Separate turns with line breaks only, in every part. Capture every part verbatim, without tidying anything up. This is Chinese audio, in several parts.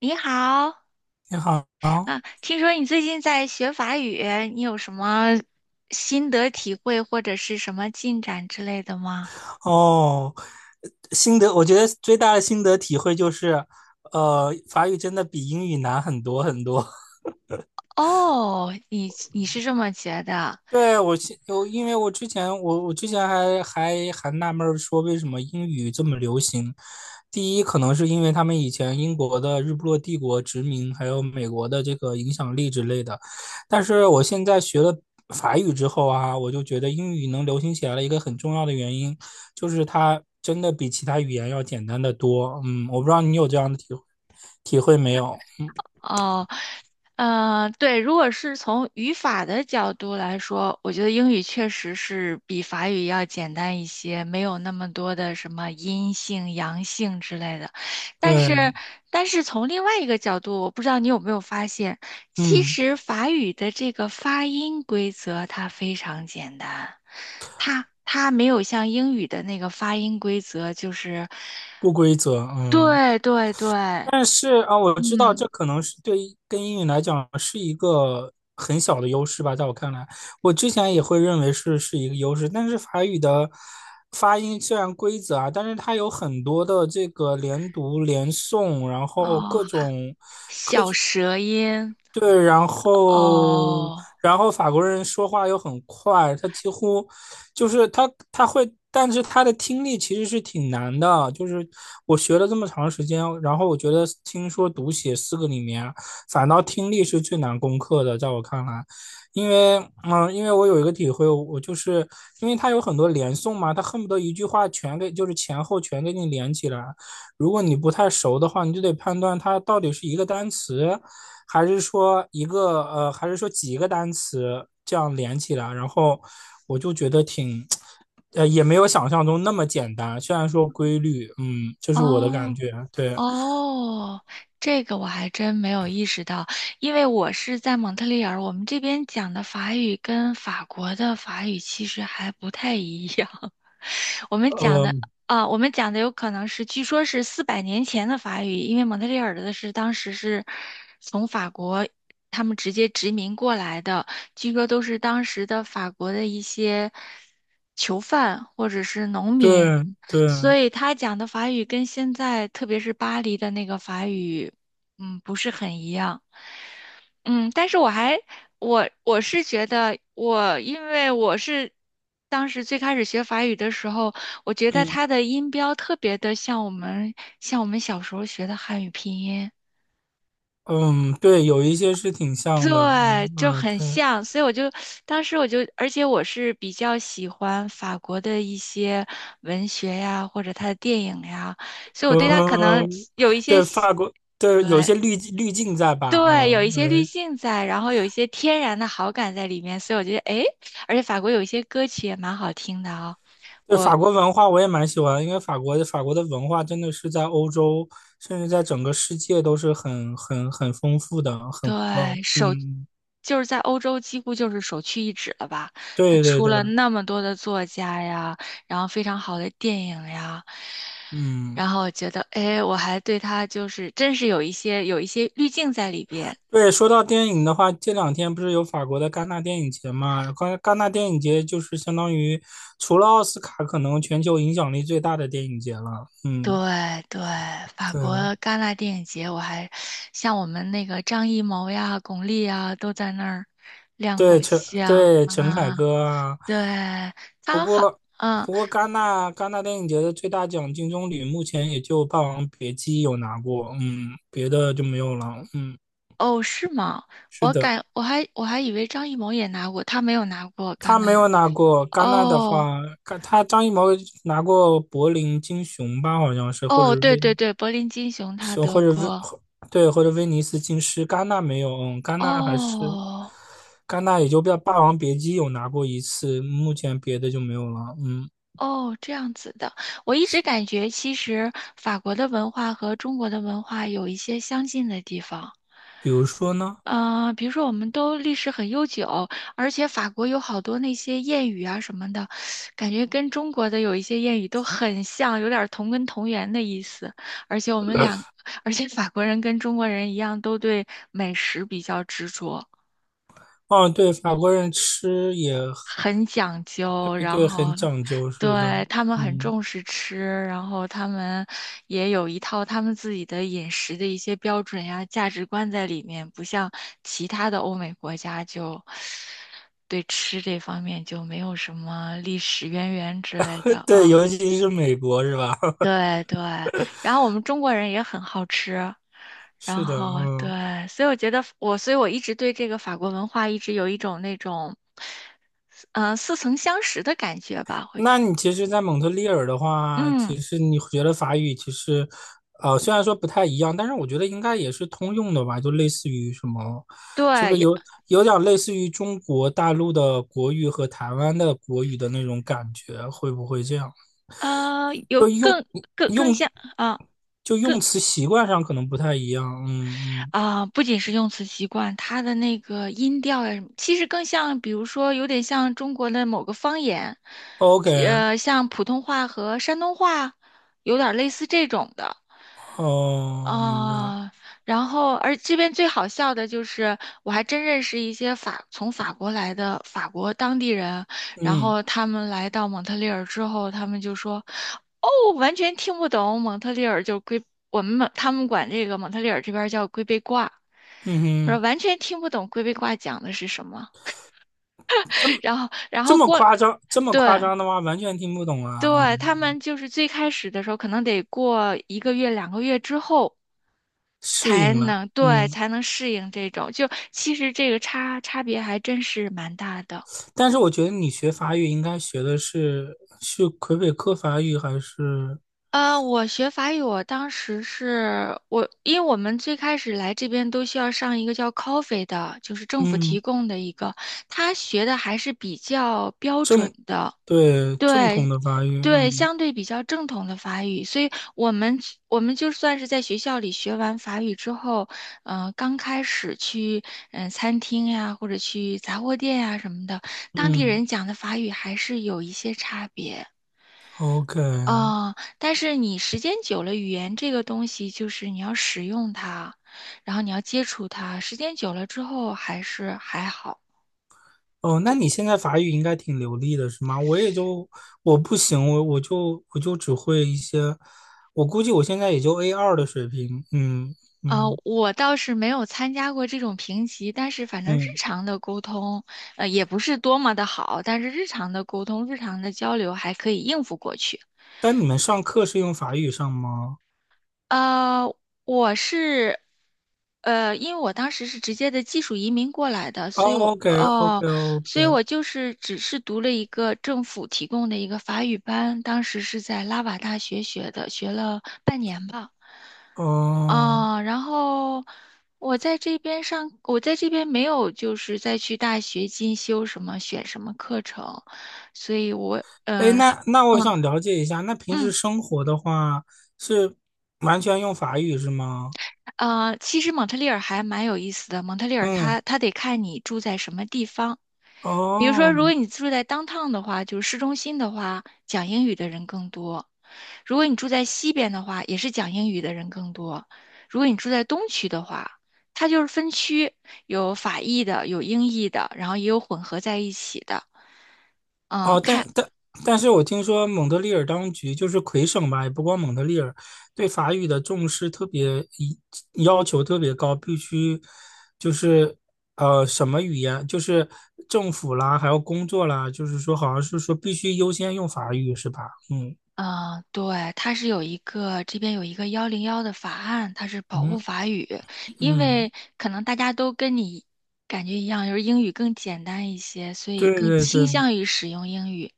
你好。
你好，
啊，听说你最近在学法语，你有什么心得体会或者是什么进展之类的吗？
哦，心得，我觉得最大的心得体会就是，呃，法语真的比英语难很多很多。
哦，你你是这么觉得？
对，我现我因为我之前我我之前还还还纳闷儿说为什么英语这么流行。第一，可能是因为他们以前英国的日不落帝国殖民，还有美国的这个影响力之类的。但是我现在学了法语之后啊，我就觉得英语能流行起来的一个很重要的原因，就是它真的比其他语言要简单的多。嗯，我不知道你有这样的体会体会没有？
哦，呃，对，如果是从语法的角度来说，我觉得英语确实是比法语要简单一些，没有那么多的什么阴性、阳性之类的。但
对，
是，但是从另外一个角度，我不知道你有没有发现，其
嗯，
实法语的这个发音规则它非常简单，它它没有像英语的那个发音规则，就是，
不规则，嗯。
对对对。
但是啊，我知道
嗯。
这可能是对于跟英语来讲是一个很小的优势吧，在我看来，我之前也会认为是是一个优势，但是法语的发音虽然规则啊，但是它有很多的这个连读、连诵，然后
哦，
各种
小舌音。
对，然后，
哦
然后法国人说话又很快，他几乎就是他他会，但是他的听力其实是挺难的。就是我学了这么长时间，然后我觉得听说读写四个里面，反倒听力是最难攻克的，在我看来，因为嗯，因为我有一个体会，我就是因为他有很多连诵嘛，他恨不得一句话全给，就是前后全给你连起来。如果你不太熟的话，你就得判断它到底是一个单词，还是说一个呃，还是说几个单词这样连起来？然后我就觉得挺，呃，也没有想象中那么简单。虽然说规律，嗯，这是我的感
哦。
觉。对，
哦，这个我还真没有意识到，因为我是在蒙特利尔，我们这边讲的法语跟法国的法语其实还不太一样。我们讲的
呃，
啊，我们讲的有可能是，据说是四百年前的法语，因为蒙特利尔的是当时是从法国他们直接殖民过来的，据说都是当时的法国的一些囚犯或者是农民。
对
所
对，
以他讲的法语跟现在，特别是巴黎的那个法语，嗯，不是很一样。嗯，但是我还，我我是觉得我，因为我是当时最开始学法语的时候，我觉得
嗯
它的音标特别的像我们像我们小时候学的汉语拼音。
嗯，对，有一些是挺像的，
对，
嗯
就
嗯、
很
呃
像，所以我就当时我就，而且我是比较喜欢法国的一些文学呀，或者他的电影呀，所以我
对，
对他可能
呃，
有一 些
对，
喜
法国，对，有一些滤滤镜在吧？
对，有
嗯、
一些滤镜在，然后有一些天然的好感在里面，所以我觉得，诶，而且法国有一些歌曲也蛮好听的啊、
对
我
法国文化我也蛮喜欢，因为法国的法国的文化真的是在欧洲，甚至在整个世界都是很很很丰富的，很古老。
对手。
嗯，
就是在欧洲几乎就是首屈一指了吧？他
对对
出了
对，
那么多的作家呀，然后非常好的电影呀，
嗯，
然后我觉得，哎，我还对他就是真是有一些有一些滤镜在里边。
对。说到电影的话，这两天不是有法国的戛纳电影节嘛？戛戛纳电影节就是相当于除了奥斯卡，可能全球影响力最大的电影节了。
对
嗯，
对，法国
对。
戛纳电影节，我还像我们那个张艺谋呀、巩俐呀都在那儿亮
对
过
陈
相
对陈凯
啊。
歌啊，
对，
不
他好。
过
嗯。
不过戛纳戛纳电影节的最大奖金棕榈目前也就《霸王别姬》有拿过，嗯，别的就没有了，嗯，
哦，是吗？
是
我
的，
感我还我还以为张艺谋也拿过，他没有拿过
他
刚才。
没有拿过戛纳的
哦
话，戛他张艺谋拿过柏林金熊吧，好像是，或者
哦，对
威
对对，柏林金熊他
是
得
或者威
过。
对或者威尼斯金狮，戛纳没有，嗯，戛纳还是
哦
戛纳也就《霸霸王别姬》有拿过一次，目前别的就没有了，嗯。
哦，这样子的。我一直感觉其实法国的文化和中国的文化有一些相近的地方。
比如说呢？
嗯，比如说我们都历史很悠久，而且法国有好多那些谚语啊什么的，感觉跟中国的有一些谚语都很像，有点儿同根同源的意思。而且我们俩，而且法国人跟中国人一样，都对美食比较执着。
哦，对，法国人吃也
很讲究，
对
然
对，
后
很讲究，是的，
对他们很
嗯，
重视吃，然后他们也有一套他们自己的饮食的一些标准呀、价值观在里面，不像其他的欧美国家就对吃这方面就没有什么历史渊源之类的
对，
啊。
尤其是美国是吧？
对对，然后我们中国人也很好吃，然
是的，
后
嗯，
对，所以我觉得我，所以我一直对这个法国文化一直有一种那种，嗯、似曾相识的感觉吧，会。
那你其实，在蒙特利尔的话，
嗯，
其实你学了法语，其实，呃，虽然说不太一样，但是我觉得应该也是通用的吧，就类似于什么，是不
对，
是
有
有有点类似于中国大陆的国语和台湾的国语的那种感觉？会不会这样？
呃，有
就用
更更更
用
像啊。
就
更
用词习惯上可能不太一样，嗯嗯
啊、不仅是用词习惯，它的那个音调呀什么，其实更像，比如说，有点像中国的某个方言，
，OK，
呃，像普通话和山东话，有点类似这种的。
哦，明白，
哦，然后而这边最好笑的就是，我还真认识一些法从法国来的法国当地人，然
嗯
后他们来到蒙特利尔之后，他们就说，哦，完全听不懂蒙特利尔就龟，我们蒙他们管这个蒙特利尔这边儿叫龟背挂，我
嗯
说
哼，
完全听不懂龟背挂讲的是什么。
这么
然后然
这
后
么
过，
夸张，这么夸
对
张的话，完全听不懂啊，
对，
嗯
他们就是最开始的时候可能得过一个月两个月之后。
适
才
应了，
能对
嗯，
才能适应这种，就其实这个差差别还真是蛮大的。
但是我觉得你学法语应该学的是是魁北克法语还是
呃，我学法语，我当时是我，因为我们最开始来这边都需要上一个叫 Coffee 的，就是政府提
嗯
供的一个，他学的还是比较标准
正
的，
对正统
对，
的法语，
对，
嗯
相对比较正统的法语，所以我们我们就算是在学校里学完法语之后，嗯，刚开始去嗯、呃餐厅呀，或者去杂货店呀什么的，当地
嗯
人讲的法语还是有一些差别。
，OK。
啊、但是你时间久了，语言这个东西就是你要使用它，然后你要接触它，时间久了之后还是还好。
哦，那你现在法语应该挺流利的，是吗？我也就我不行，我我就我就只会一些，我估计我现在也就 a 二的水平。嗯
呃，
嗯
我倒是没有参加过这种评级，但是反正日
嗯。
常的沟通，呃，也不是多么的好，但是日常的沟通、日常的交流还可以应付过去。
但你们上课是用法语上吗？
呃，我是，呃，因为我当时是直接的技术移民过来的，
哦
所以我，
，OK OK
哦，所以
OK。
我就是只是读了一个政府提供的一个法语班，当时是在拉瓦大学学的，学了半年吧。
哦，
啊，然后我在这边上，我在这边没有就是再去大学进修什么选什么课程，所以我。
哎，
呃，
那那我
嗯
想了解一下，那平时
嗯
生活的话是完全用法语是吗？
呃，其实蒙特利尔还蛮有意思的。蒙特利尔
嗯，
它它得看你住在什么地方。比如说，
哦。
如果你住在 downtown 的话，就是市中心的话，讲英语的人更多；如果你住在西边的话，也是讲英语的人更多；如果你住在东区的话，它就是分区，有法裔的，有英裔的，然后也有混合在一起的。嗯，
哦，但
看。
但但是我听说蒙特利尔当局就是魁省吧，也不光蒙特利尔，对法语的重视特别一要求特别高，必须就是呃什么语言，就是政府啦，还有工作啦，就是说好像是说必须优先用法语是吧？嗯
嗯，对，它是有一个这边有一个幺零幺的法案，它是保护
嗯
法语，因
嗯，
为可能大家都跟你感觉一样，就是英语更简单一些，所以
对
更
对
倾
对，
向于使用英语。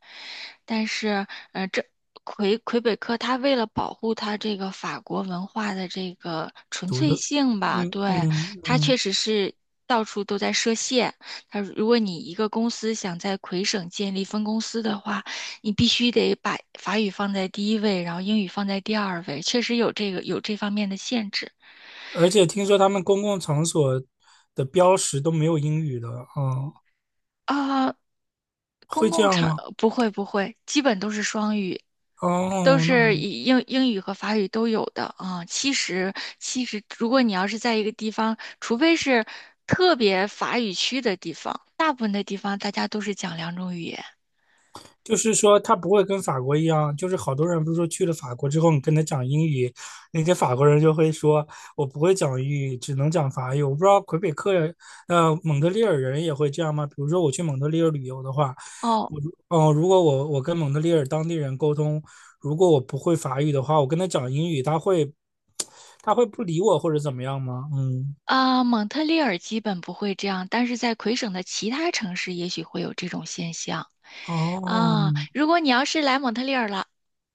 但是，呃，这魁魁北克它为了保护它这个法国文化的这个纯
独
粹
特，
性吧，
嗯
对，
嗯
它确
嗯，
实是到处都在设限。它如果你一个公司想在魁省建立分公司的话，你必须得把法语放在第一位，然后英语放在第二位，确实有这个有这方面的限制
而且听说他们公共场所的标识都没有英语的，哦，
啊。公
会这
共
样
场
吗？
不会不会，基本都是双语，都
哦，那。
是以英英语和法语都有的啊。其实其实，如果你要是在一个地方，除非是特别法语区的地方，大部分的地方大家都是讲两种语言。
就是说，他不会跟法国一样，就是好多人不是说去了法国之后，你跟他讲英语，那些法国人就会说，我不会讲英语，只能讲法语。我不知道魁北克人，呃，蒙特利尔人也会这样吗？比如说我去蒙特利尔旅游的话，
哦，
我如哦，如果我我跟蒙特利尔当地人沟通，如果我不会法语的话，我跟他讲英语，他会，他会不理我或者怎么样吗？嗯，
啊，蒙特利尔基本不会这样，但是在魁省的其他城市也许会有这种现象。
哦，
啊，如果你要是来蒙特利尔了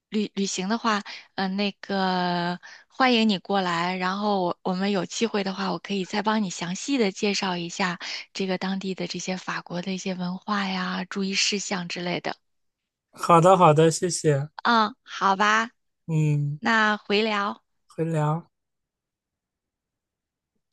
旅旅行的话，嗯、呃，那个欢迎你过来，然后我我们有机会的话，我可以再帮你详细的介绍一下这个当地的这些法国的一些文化呀、注意事项之类的。
好的好的，谢谢，
嗯，好吧，
嗯，
那回聊。
回聊。